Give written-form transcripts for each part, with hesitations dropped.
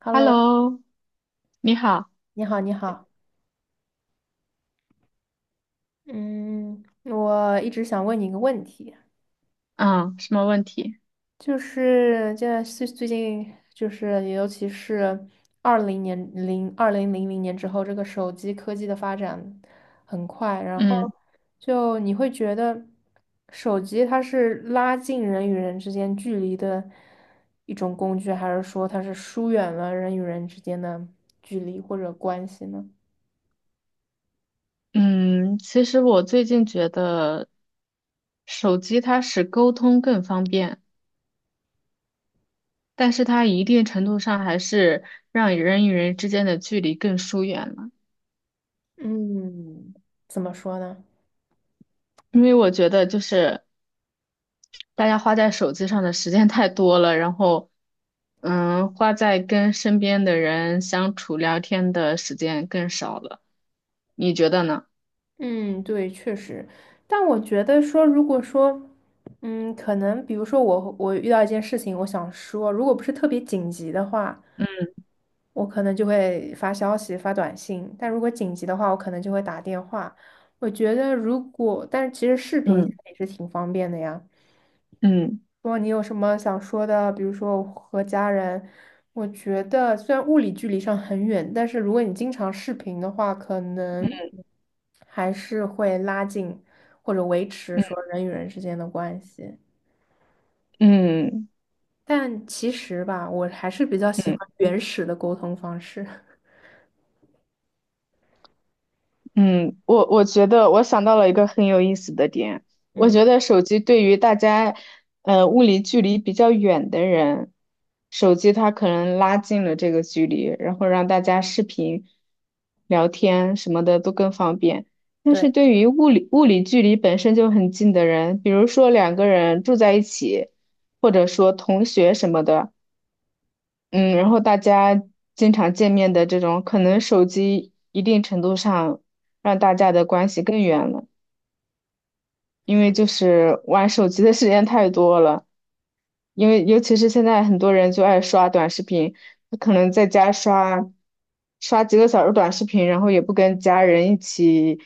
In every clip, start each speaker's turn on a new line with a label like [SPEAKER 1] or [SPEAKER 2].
[SPEAKER 1] Hello，
[SPEAKER 2] Hello，你好，
[SPEAKER 1] 你好，你好。嗯，我一直想问你一个问题，
[SPEAKER 2] 嗯，什么问题？
[SPEAKER 1] 就是现在最近就是尤其是二零零零年之后，这个手机科技的发展很快，然后
[SPEAKER 2] 嗯
[SPEAKER 1] 就你会觉得手机它是拉近人与人之间距离的一种工具，还是说它是疏远了人与人之间的距离或者关系呢？
[SPEAKER 2] 嗯，其实我最近觉得，手机它使沟通更方便，但是它一定程度上还是让人与人之间的距离更疏远了。
[SPEAKER 1] 嗯，怎么说呢？
[SPEAKER 2] 因为我觉得就是大家花在手机上的时间 太多了，然后，花在跟身边的人相处聊天的时间更少了。你觉得呢？
[SPEAKER 1] 嗯，对，确实，但我觉得说，如果说，嗯，可能比如说我遇到一件事情，我想说，如果不是特别紧急的话，我可能就会发消息、发短信；但如果紧急的话，我可能就会打电话。我觉得如果，但是其实视频现
[SPEAKER 2] 嗯
[SPEAKER 1] 在也是挺方便的呀。
[SPEAKER 2] 嗯
[SPEAKER 1] 如果你有什么想说的，比如说我和家人，我觉得虽然物理距离上很远，但是如果你经常视频的话，可能还是会拉近或者维持说
[SPEAKER 2] 嗯
[SPEAKER 1] 人与人之间的关系。
[SPEAKER 2] 嗯
[SPEAKER 1] 但其实吧，我还是比较喜欢
[SPEAKER 2] 嗯。
[SPEAKER 1] 原始的沟通方式。
[SPEAKER 2] 嗯，我觉得我想到了一个很有意思的点，我
[SPEAKER 1] 嗯，
[SPEAKER 2] 觉得手机对于大家，物理距离比较远的人，手机它可能拉近了这个距离，然后让大家视频、聊天什么的都更方便。但
[SPEAKER 1] 对，
[SPEAKER 2] 是对于物理距离本身就很近的人，比如说两个人住在一起，或者说同学什么的。嗯，然后大家经常见面的这种，可能手机一定程度上让大家的关系更远了，因为就是玩手机的时间太多了，因为尤其是现在很多人就爱刷短视频，他可能在家刷几个小时短视频，然后也不跟家人一起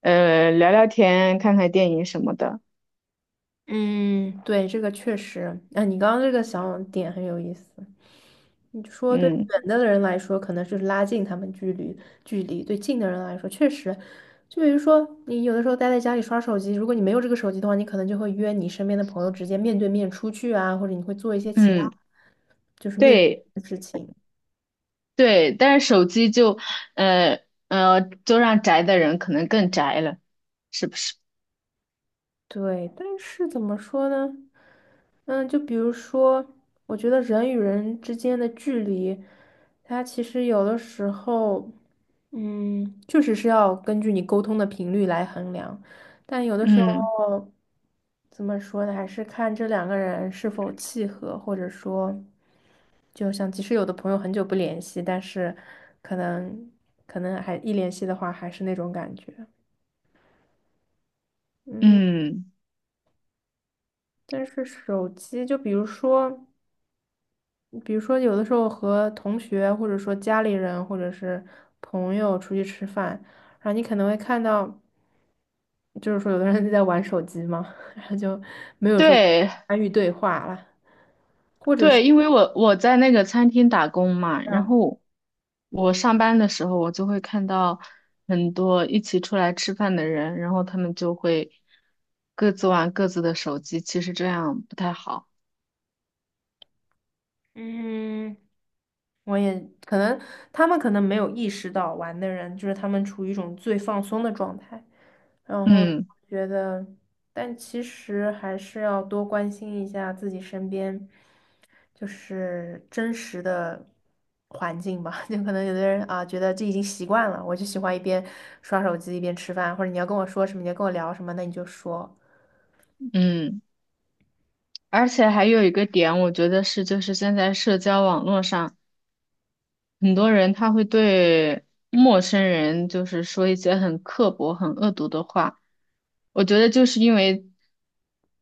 [SPEAKER 2] 聊聊天、看看电影什么的，
[SPEAKER 1] 嗯，对，这个确实，啊，你刚刚这个想点很有意思。你就说对
[SPEAKER 2] 嗯
[SPEAKER 1] 远的人来说，可能是拉近他们距离；对近的人来说，确实，就比如说你有的时候待在家里刷手机，如果你没有这个手机的话，你可能就会约你身边的朋友直接面对面出去啊，或者你会做一些其他
[SPEAKER 2] 嗯，
[SPEAKER 1] 就是面对
[SPEAKER 2] 对
[SPEAKER 1] 面的事情。
[SPEAKER 2] 对，但是手机就呃就让宅的人可能更宅了。是不是？
[SPEAKER 1] 对，但是怎么说呢？嗯，就比如说，我觉得人与人之间的距离，它其实有的时候，嗯，确实是要根据你沟通的频率来衡量，但有的时
[SPEAKER 2] 嗯
[SPEAKER 1] 候，怎么说呢？还是看这两个人是否契合，或者说，就像即使有的朋友很久不联系，但是可能可能还一联系的话，还是那种感觉。嗯。
[SPEAKER 2] 嗯，
[SPEAKER 1] 但是手机，就比如说，比如说有的时候和同学，或者说家里人，或者是朋友出去吃饭，然后你可能会看到，就是说有的人就在玩手机嘛，然后就没有说
[SPEAKER 2] 对
[SPEAKER 1] 参与对话了。
[SPEAKER 2] 对，因为我在那个餐厅打工嘛，然
[SPEAKER 1] 嗯
[SPEAKER 2] 后我上班的时候，我就会看到很多一起出来吃饭的人，然后他们就会各自玩各自的手机，其实这样不太好。
[SPEAKER 1] 嗯，我也可能他们可能没有意识到玩的人，就是他们处于一种最放松的状态，然后
[SPEAKER 2] 嗯
[SPEAKER 1] 觉得，但其实还是要多关心一下自己身边。就是真实的环境吧。就可能有的人啊，觉得这已经习惯了，我就喜欢一边刷手机一边吃饭，或者你要跟我说什么，你要跟我聊什么，那你就说，
[SPEAKER 2] 嗯，而且还有一个点，我觉得是就是现在社交网络上。很多人他会对陌生人就是说一些很刻薄、很恶毒的话。我觉得就是因为，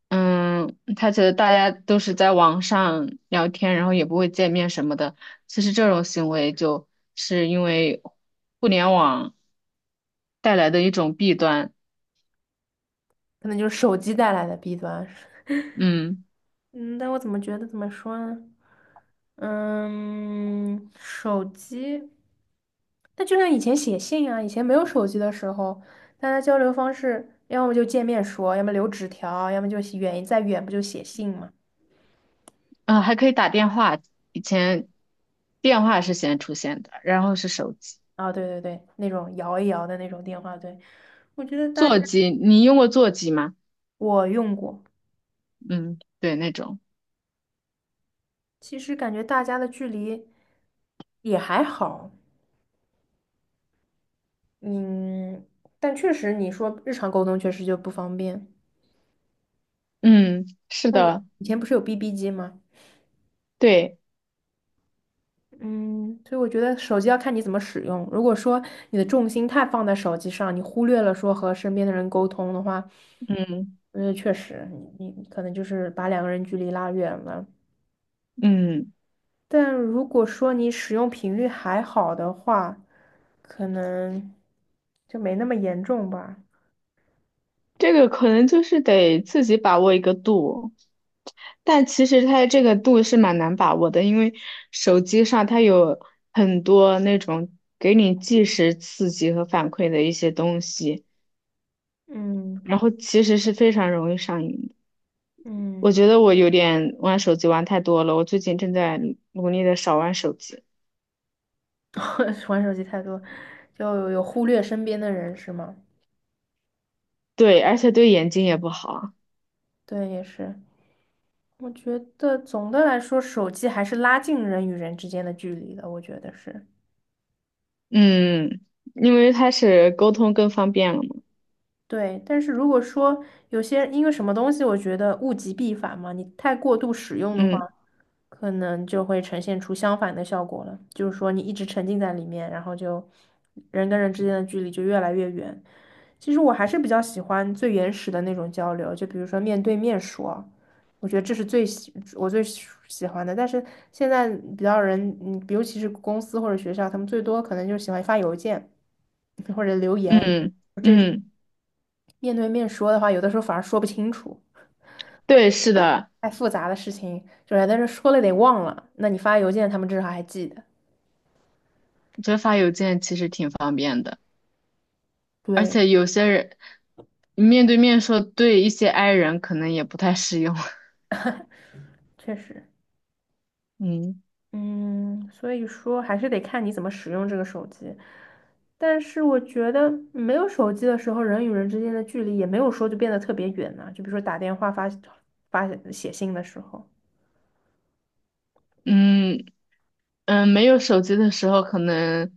[SPEAKER 2] 嗯，他觉得大家都是在网上聊天，然后也不会见面什么的。其实这种行为就是因为互联网带来的一种弊端。
[SPEAKER 1] 可能就是手机带来的弊端。
[SPEAKER 2] 嗯，
[SPEAKER 1] 嗯，但我怎么觉得怎么说呢？嗯，手机，那就像以前写信啊，以前没有手机的时候，大家交流方式，要么就见面说，要么留纸条，要么就写远再远不就写信吗？
[SPEAKER 2] 啊，还可以打电话，以前电话是先出现的，然后是手机、
[SPEAKER 1] 啊，对对对，那种摇一摇的那种电话，对，我觉得大家
[SPEAKER 2] 座 机。你用过座机吗？
[SPEAKER 1] 我用过，
[SPEAKER 2] 嗯，对，那种。
[SPEAKER 1] 其实感觉大家的距离也还好，嗯，但确实你说日常沟通确实就不方便。
[SPEAKER 2] 嗯，是
[SPEAKER 1] 嗯，
[SPEAKER 2] 的，
[SPEAKER 1] 以前不是有 BB 机吗？
[SPEAKER 2] 对，
[SPEAKER 1] 嗯，所以我觉得手机要看你怎么使用。如果说你的重心太放在手机上，你忽略了说和身边的人沟通的话，
[SPEAKER 2] 嗯
[SPEAKER 1] 嗯，确实，你可能就是把两个人距离拉远了。
[SPEAKER 2] 嗯，
[SPEAKER 1] 但如果说你使用频率还好的话，可能就没那么严重吧。
[SPEAKER 2] 这个可能就是得自己把握一个度，但其实它这个度是蛮难把握的，因为手机上它有很多那种给你即时刺激和反馈的一些东西，
[SPEAKER 1] 嗯
[SPEAKER 2] 然后其实是非常容易上瘾的。我
[SPEAKER 1] 嗯，
[SPEAKER 2] 觉得我有点玩手机玩太多了，我最近正在努力的少玩手机，
[SPEAKER 1] 玩手机太多，就有忽略身边的人是吗？
[SPEAKER 2] 对，而且对眼睛也不好，
[SPEAKER 1] 对，也是。我觉得总的来说，手机还是拉近人与人之间的距离的，我觉得是。
[SPEAKER 2] 嗯，因为它是沟通更方便了嘛，
[SPEAKER 1] 对，但是如果说有些因为什么东西，我觉得物极必反嘛，你太过度使用的话，
[SPEAKER 2] 嗯。
[SPEAKER 1] 可能就会呈现出相反的效果了。就是说，你一直沉浸在里面，然后就人跟人之间的距离就越来越远。其实我还是比较喜欢最原始的那种交流，就比如说面对面说，我觉得这是我最喜欢的。但是现在比较人，嗯，尤其是公司或者学校，他们最多可能就喜欢发邮件或者留言。
[SPEAKER 2] 嗯嗯，
[SPEAKER 1] 面对面说的话，有的时候反而说不清楚，
[SPEAKER 2] 对，是的，
[SPEAKER 1] 太复杂的事情，就是但是说了得忘了，那你发邮件，他们至少还记得。
[SPEAKER 2] 折发邮件其实挺方便的，而
[SPEAKER 1] 对，
[SPEAKER 2] 且有些人你面对面说，对一些 i 人可能也不太适用。
[SPEAKER 1] 确实，
[SPEAKER 2] 嗯
[SPEAKER 1] 嗯，所以说还是得看你怎么使用这个手机。但是我觉得没有手机的时候，人与人之间的距离也没有说就变得特别远呢。就比如说打电话发写信的时候，
[SPEAKER 2] 嗯嗯，没有手机的时候，可能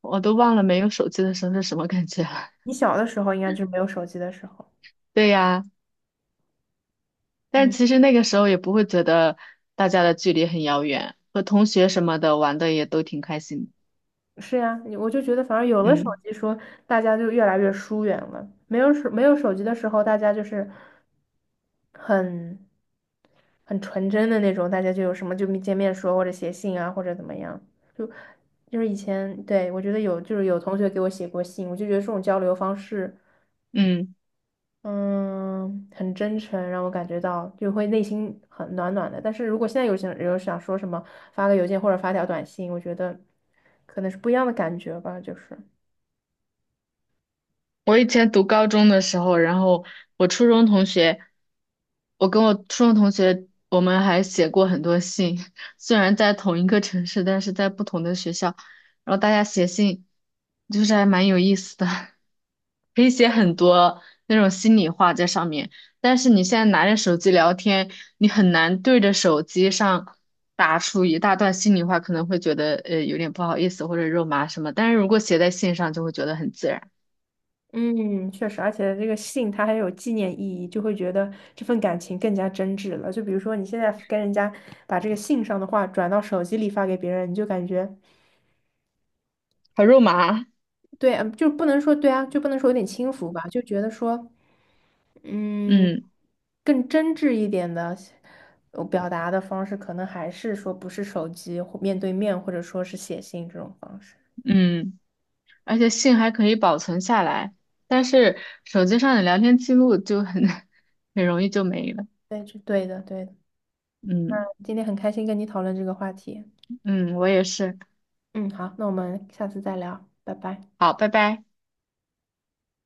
[SPEAKER 2] 我都忘了没有手机的时候是什么感觉了。
[SPEAKER 1] 你小的时候应该就是没有手机的时候，
[SPEAKER 2] 对呀，但
[SPEAKER 1] 嗯。
[SPEAKER 2] 其实那个时候也不会觉得大家的距离很遥远，和同学什么的玩的也都挺开心的。
[SPEAKER 1] 是呀，你我就觉得，反而有了手
[SPEAKER 2] 嗯
[SPEAKER 1] 机说，大家就越来越疏远了。没有手机的时候，大家就是很很纯真的那种，大家就有什么就见面说，或者写信啊，或者怎么样。就就是以前，对，我觉得有，就是有同学给我写过信，我就觉得这种交流方式，
[SPEAKER 2] 嗯。
[SPEAKER 1] 嗯，很真诚，让我感觉到就会内心很暖暖的。但是如果现在有想说什么，发个邮件或者发条短信，我觉得可能是不一样的感觉吧，就是。
[SPEAKER 2] 我以前读高中的时候，然后我初中同学，我跟我初中同学，我们还写过很多信，虽然在同一个城市，但是在不同的学校，然后大家写信，就是还蛮有意思的，可以写很多那种心里话在上面。但是你现在拿着手机聊天，你很难对着手机上打出一大段心里话，可能会觉得有点不好意思或者肉麻什么，但是如果写在信上，就会觉得很自然。
[SPEAKER 1] 嗯，确实，而且这个信它还有纪念意义，就会觉得这份感情更加真挚了。就比如说你现在跟人家把这个信上的话转到手机里发给别人，你就感觉
[SPEAKER 2] 烤肉麻，
[SPEAKER 1] 对，嗯就不能说对啊，就不能说有点轻浮吧，就觉得说，嗯，
[SPEAKER 2] 嗯
[SPEAKER 1] 更真挚一点的表达的方式，可能还是说不是手机或面对面，或者说是写信这种方式。
[SPEAKER 2] 嗯，而且信还可以保存下来，但是手机上的聊天记录就很 很容易就没了。
[SPEAKER 1] 对，就对的，对的。
[SPEAKER 2] 嗯
[SPEAKER 1] 今天很开心跟你讨论这个话题。
[SPEAKER 2] 嗯，我也是。
[SPEAKER 1] 嗯，好，那我们下次再聊，拜拜。
[SPEAKER 2] 好，拜拜。